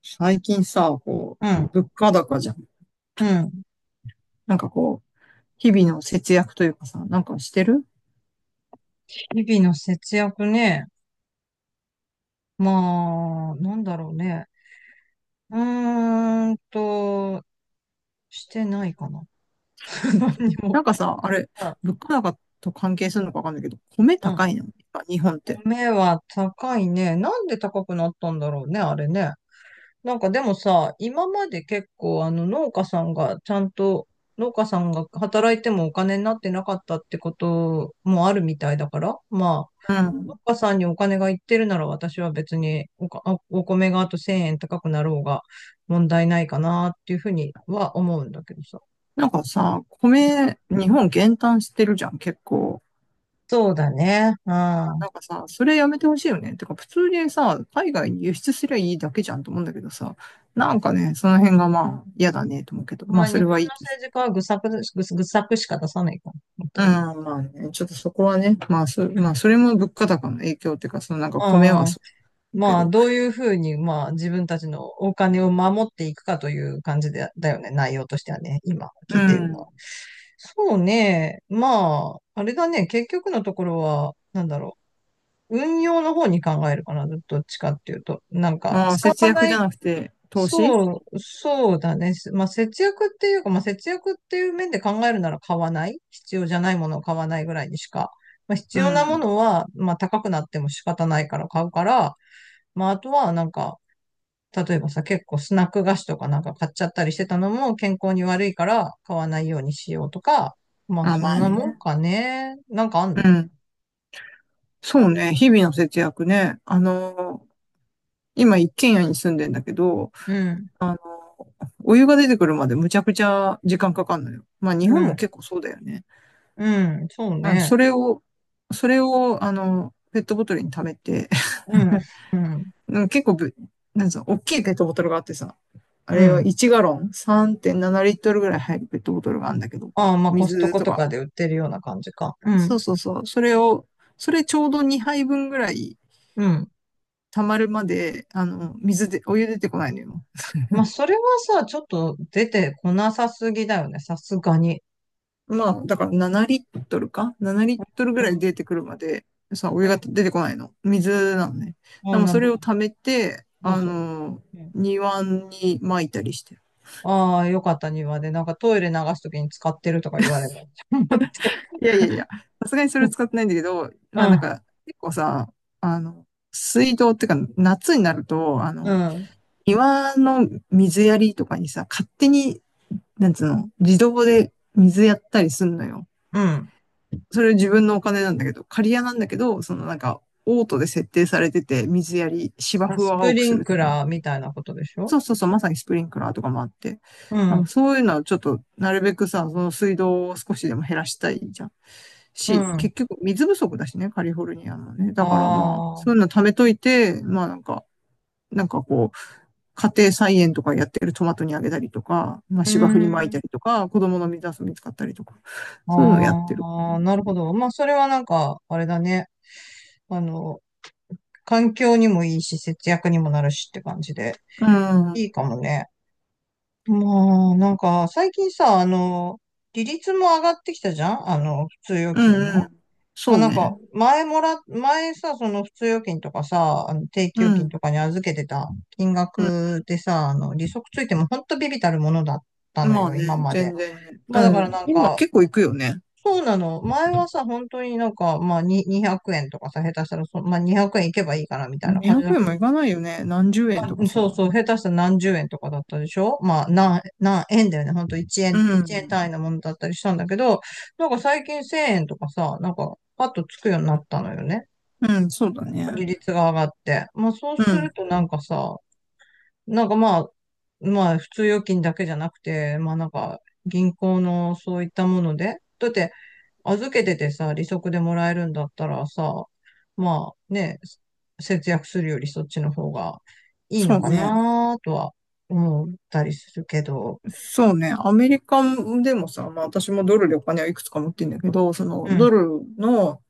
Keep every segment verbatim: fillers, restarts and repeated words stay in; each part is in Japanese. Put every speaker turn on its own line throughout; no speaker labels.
最近さ、こ
う
う、
ん、
物価高じゃん。
うん。
なんかこう、日々の節約というかさ、なんかしてる。
日々の節約ね。まあ、なんだろうね。うーんと、してないかな。
うん。
何も。
なんかさ、あれ、
うん、
物価高と関係するのかわかんないけど、米
うん。
高いの日本って。
米は高いね。なんで高くなったんだろうね、あれね。なんかでもさ、今まで結構あの農家さんがちゃんと、農家さんが働いてもお金になってなかったってこともあるみたいだから、ま
う
あ、農
ん。
家さんにお金がいってるなら私は別におか、あお米があとせんえん高くなろうが問題ないかなっていうふうには思うんだけどさ。
なんかさ、
うん、
米、日本減反してるじゃん、結構。
そうだね。うん。ま
なんかさ、それやめてほしいよね。てか、普通にさ、海外に輸出すりゃいいだけじゃんと思うんだけどさ、なんかね、その辺がまあ、嫌だね、と思うけど、
あ
まあ、それ
日本
はい
の
い。
政治家は愚策で、愚愚策しか出さないから、本当に。
ああ、まあね、ちょっとそこはね、まあそ、まあ、それも物価高の影響っていうか、そのなんか
う
米
ん、
は
うん。
そうけ
まあ
ど、
どういうふうに、まあ自分たちのお金を守っていくかという感じで、だよね。内容としてはね、今聞
う
いてるのは。
ん。
そうね。まあ、あれだね。結局のところは、なんだろう。運用の方に考えるかな、どっちかっていうと。なんか、
ああ、
使わ、
節約じゃなくて、投資。
そう、そうだね。まあ、節約っていうか、まあ、節約っていう面で考えるなら買わない。必要じゃないものを買わないぐらいにしか。まあ、必
う
要なも
ん。
のは、まあ、高くなっても仕方ないから買うから、まあ、あとは、なんか、例えばさ、結構スナック菓子とかなんか買っちゃったりしてたのも健康に悪いから買わないようにしようとか、まあ、
あ
そ
ま
ん
あ
なもん
ね。
かね。なんかあん
う
の？
ん。そうね、日々の節約ね。あの、今一軒家に住んでんだけど、
うん、
あの、お湯が出てくるまでむちゃくちゃ時間かかるのよ。まあ日
う
本も
ん、
結構そうだよね。
うん、そう
うん、
ね。
それを、それを、あの、ペットボトルに溜めて。
うん、うん。
うんか結構ぶ、なんつうの、大きいペットボトルがあってさ、あ
う
れは
ん。
いちガロンガロン、さんてんななリットルリットルぐらい入るペットボトルがあるんだけど、
ああ、まあコスト
水
コ
と
と
か。
かで売ってるような感じか。う
そ
ん。
うそうそう。それを、それちょうどにはいぶんぐらい
うん。
溜まるまで、あの、水で、お湯出てこないのよ。
まあ それはさ、ちょっと出てこなさすぎだよね。さすがに。
まあ、だから7リットルか ?7 リットルぐ
う
らい
ん。
出てくるまで、さ、お湯
うん。
が出てこないの。水なのね。
あ
で
あ、
も
なる
それ
ほ
を
ど。
溜めて、
どう
あ
する？
の、
うん。
庭に撒いたりしてる。
ああ、よかった。庭で、なんかトイレ流すときに使ってるとか言われる。思って。
いやいやいや、さすがにそれ使ってないんだけど、
う
まあなん
ん。
か、結構さ、あの、水道っていうか、夏になると、あ
う
の、
ん。
庭の水やりとかにさ、勝手に、なんつうの、自動で水やったりすんのよ。
うん。
それ自分のお金なんだけど、借り家なんだけど、そのなんか、オートで設定されてて、水やり、芝
まあ
生を
スプ
青く
リ
す
ン
る
ク
ために。
ラーみたいなことでしょ？
そうそうそう、まさにスプリンクラーとかもあって。
う
あの
ん。
そういうのはちょっと、なるべくさ、その水道を少しでも減らしたいじゃん。
う
し、
ん。
結局水不足だしね、カリフォルニアのね。だからまあ、
ああ。
そういうの貯めといて、まあなんか、なんかこう、家庭菜園とかやってるトマトにあげたりとか、まあ
うー
芝生に巻いた
ん。
りとか、子供の水遊びに使ったりとか、そういうのをやってる。
ああ、なるほど。まあ、それはなんか、あれだね。あの、環境にもいいし、節約にもなるしって感じで、
うん、うん、
いいかもね。まあ、なんか、最近さ、あの、利率も上がってきたじゃん。あの、普通預金
う
の。
ん。
ま
そ
あ
う
なんか、
ね。
前もら、前さ、その普通預金とかさ、あの定
う
期預金
ん、
とかに預けてた金
うん。
額でさ、あの、利息ついてもほんとビビたるものだったの
まあ
よ、
ね、
今まで。
全然ね。
ま
う
あだから
ん。
なん
今
か、
結構行くよね。
そうなの。前はさ、本当になんか、まあににひゃくえんとかさ、下手したらそ、まあにひゃくえんいけばいいかなみたいな感じ
200
だ
円
け
も
ど、
いかないよね。何十円とか
そう
さ。
そう、下手したら何十円とかだったでしょ？まあ、何、何円だよね。ほんと1
う
円、いちえん
ん。
単位のものだったりしたんだけど、なんか最近せんえんとかさ、なんかパッとつくようになったのよね。
うん、そうだね。
利率が上がって。まあそう
う
する
ん。
となんかさ、なんかまあ、まあ、普通預金だけじゃなくて、まあなんか、銀行のそういったもので、だって、預けててさ、利息でもらえるんだったらさ、まあね、節約するよりそっちの方がいい
そ
の
う
か
ね。
なとは思ったりするけど、
そうね。アメリカでもさ、まあ私もドルでお金はいくつか持ってんだけど、その
う
ド
ん、
ルの、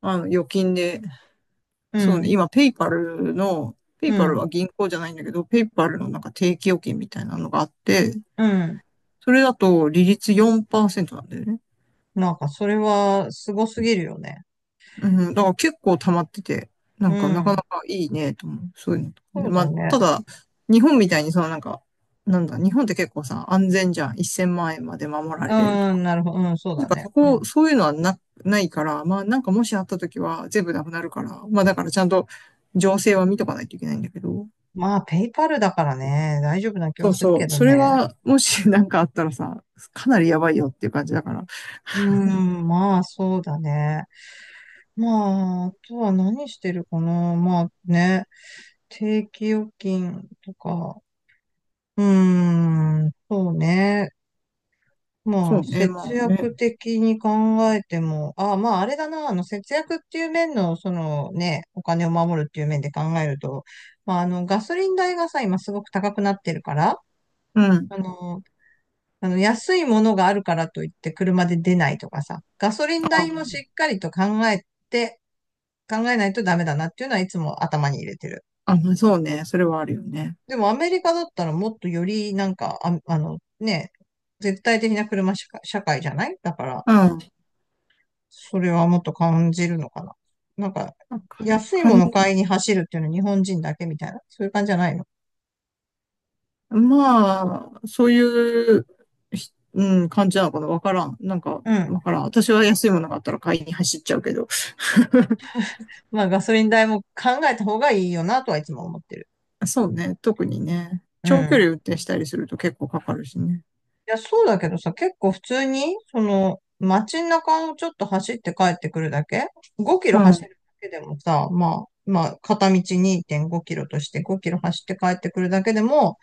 あの預金で、
う
そうね、
ん、
今ペイパルの、ペ
う
イパル
ん、
は銀行じゃないんだけど、ペイパルのなんか定期預金みたいなのがあって、
うん。
それだと利率よんパーセントなんだよね。
なんかそれはすごすぎるよね。
うん、だから結構溜まってて、な
う
んかなかな
ん、
かいいねと思う。そういうのとか
そ
ね。
う
ま
だ
あ、
ね。
ただ、日本みたいにそのなんか、なんだ、日本って結構さ、安全じゃん。いっせんまん円まで守ら
う
れるとか。
ん、なるほど、うん、そう
だ
だ
から
ね。
そ
うん。
こ、そういうのはな、ないから、まあなんかもしあった時は全部なくなるから、まあだからちゃんと情勢は見とかないといけないんだけど。
まあ、ペイパルだからね、大丈夫な気
そ
は
う
する
そ
け
う。
ど
それ
ね。
が、もし なんかあったらさ、かなりやばいよっていう感じだから。
うーん、まあ、そうだね。まあ、あとは何してるかな。まあね、定期預金とか、うーん、そうね。ま
そ
あ、
うね、
節
まあね。
約的に考えても、あ、まあ、あれだな、あの、節約っていう面の、そのね、お金を守るっていう面で考えると、まあ、あの、ガソリン代がさ、今すごく高くなってるから、
うん。
あの、あの、安いものがあるからといって車で出ないとかさ、ガソリン
あ、
代もしっかりと考えて、考えないとダメだなっていうのはいつも頭に入れてる。
あそうね。それはあるよね。
でもアメリカだったらもっとよりなんか、あ、あのね、絶対的な車社会、社会じゃないだから、
うん。
それはもっと感じるのかな。なんか、
なんか、
安い
か
も
ん、
の買いに走るっていうのは日本人だけみたいな、そういう感じじゃないの。
まあ、そういう、ひうん、感じなのかなわからん。なんか、
うん。
わからん。私は安いものがあったら買いに走っちゃうけど。
まあガソリン代も考えた方がいいよなとはいつも思ってる。
そうね、特にね。
う
長距離
ん。
運転したりすると結構かかるしね。
いや、そうだけどさ、結構普通に、その、街中をちょっと走って帰ってくるだけ ?ご キ
う
ロ
ん、う
走
ん、
るだけでもさ、まあ、まあ、片道にてんごキロとしてごキロ走って帰ってくるだけでも、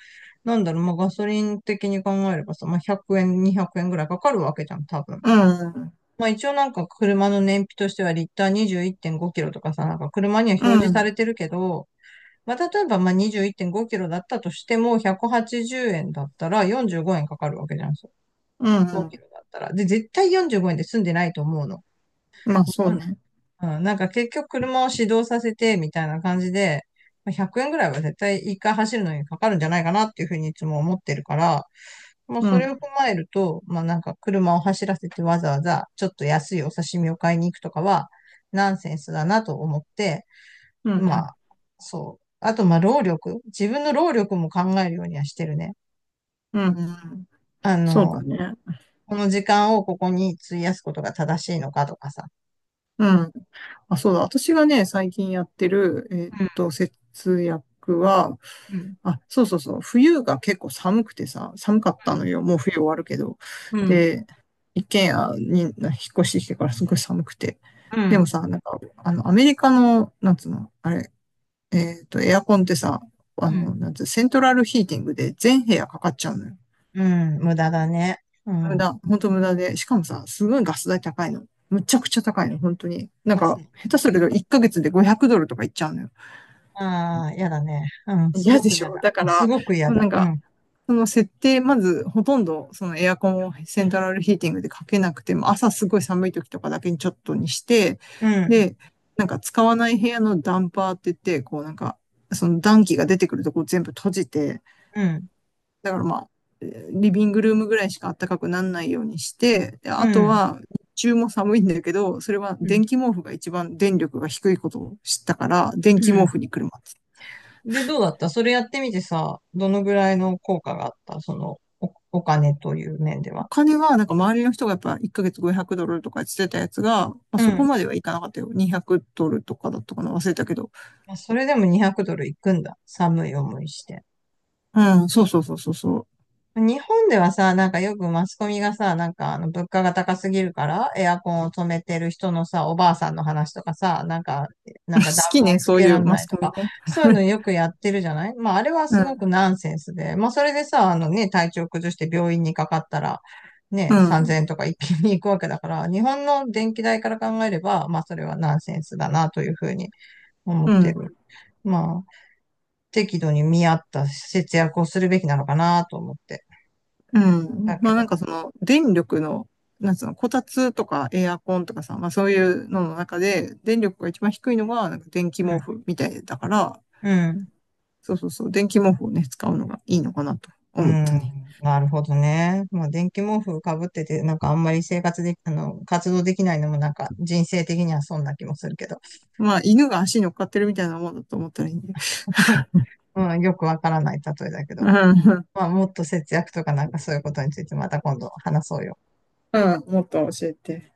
なんだろう、まあ、ガソリン的に考えればさ、まあ、ひゃくえん、にひゃくえんぐらいかかるわけじゃん、多分。
うん、
まあ、一応なんか車の燃費としてはリッターにじゅういってんごキロとかさ、なんか車には
う
表示さ
ん、
れてるけど、まあ、例えばまあにじゅういってんごキロだったとしても、ひゃくはちじゅうえんだったらよんじゅうごえんかかるわけじゃん。
う
5キ
ん。
ロだったら。で、絶対よんじゅうごえんで済んでないと思うの。
まあ、
思
そう
わな
ね。
い。うん、なんか結局車を始動させてみたいな感じで、まあひゃくえんぐらいは絶対一回走るのにかかるんじゃないかなっていうふうにいつも思ってるから、まあ
う
それを
ん、
踏まえると、まあなんか車を走らせてわざわざちょっと安いお刺身を買いに行くとかはナンセンスだなと思って、
うん、う
まあ
ん、
そう。あとまあ労力。自分の労力も考えるようにはしてるね。
うん。うん、
あ
そうだ
の、
ね。
この時間をここに費やすことが正しいのかとかさ。
うん。あ、そうだ。私がね、最近やってる、えーっと、節約は、
うん。
あ、そうそうそう。冬が結構寒くてさ、寒かっ
う
たの
ん。
よ。もう冬終わるけど。
うん。
で、一軒家に引っ越してきてからすごい寒くて。
う
でもさ、なんか、あの、アメリカの、なんつうの、あれ、えーっと、エアコンってさ、あの、な
ん。
んつう、セントラルヒーティングで全部屋かかっちゃうのよ。
うん、無駄だね。う
無
ん。
駄、本当無駄で。しかもさ、すごいガス代高いの。むちゃくちゃ高いの、本当に。
お
なん
かし
か、
い。
下手するといっかげつでごひゃくドルとかいっちゃうのよ。
ああ、嫌だね。うん、す
嫌
ご
で
く
し
嫌
ょ
だ。
だか
す
ら、
ごく嫌だ。
なん
う
か、
ん、
その設定、まず、ほとんど、そのエアコンをセントラルヒーティングでかけなくても、朝すごい寒い時とかだけにちょっとにして、
うん、
で、なんか使わない部屋のダンパーって言って、こうなんか、その暖気が出てくるとこ全部閉じて、
うん、
だからまあ、リビングルームぐらいしか暖かくならないようにして、で、あ
う
と
ん、
は、日中も寒いんだけど、それは
うん。
電気毛布が一番電力が低いことを知ったから、電気
う
毛布
ん。
に車って。
で、どうだったそれやってみてさ、どのぐらいの効果があったその、お、お金という面で
お
は。
金は、なんか周りの人がやっぱいっかげつごひゃくドルとかしてたやつが、まあ、
う
そこ
ん。
まではいかなかったよ。にひゃくドルとかだったかな忘れたけど。
まあそれでもにひゃくドルいくんだ。寒い思いして。
うん、そうそうそうそうそう。
日本ではさ、なんかよくマスコミがさ、なんかあの物価が高すぎるから、エアコンを止めてる人のさ、おばあさんの話とかさ、なんか、な
好
んか暖
き
房
ね、
つ
そう
け
い
ら
う
れ
マ
な
ス
いと
コミ
か、
ね。
そういうの よくやってるじゃない。まああれは
う
すごく
ん、
ナンセンスで、まあそれでさ、あのね、体調崩して病院にかかったら、
う
ね、3000
ん、
円とか一気に行くわけだから、日本の電気代から考えれば、まあそれはナンセンスだなというふうに思
う
って
ん。
る。まあ、適度に見合った節約をするべきなのかなと思って。
う
だ
ん。
け
まあなん
ど。
かその電力の、なんつうの、こたつとかエアコンとかさ、まあそういうのの中で電力が一番低いのがなんか電気毛布みたいだから、
うん。
そうそうそう、電気毛布をね、使うのがいいのかなと
う
思ったね。
ん。なるほどね。まあ、電気毛布かぶってて、なんかあんまり生活で、あの、活動できないのもなんか人生的にはそんな気もするけど。
まあ犬が足に乗っかってるみたいなもんだと思ったらいいんで。
うん。よくわからない例えだけど。
うん、
まあ、もっと節約とかなんかそういうことについてまた今度話そうよ。
うん、もっと教えて。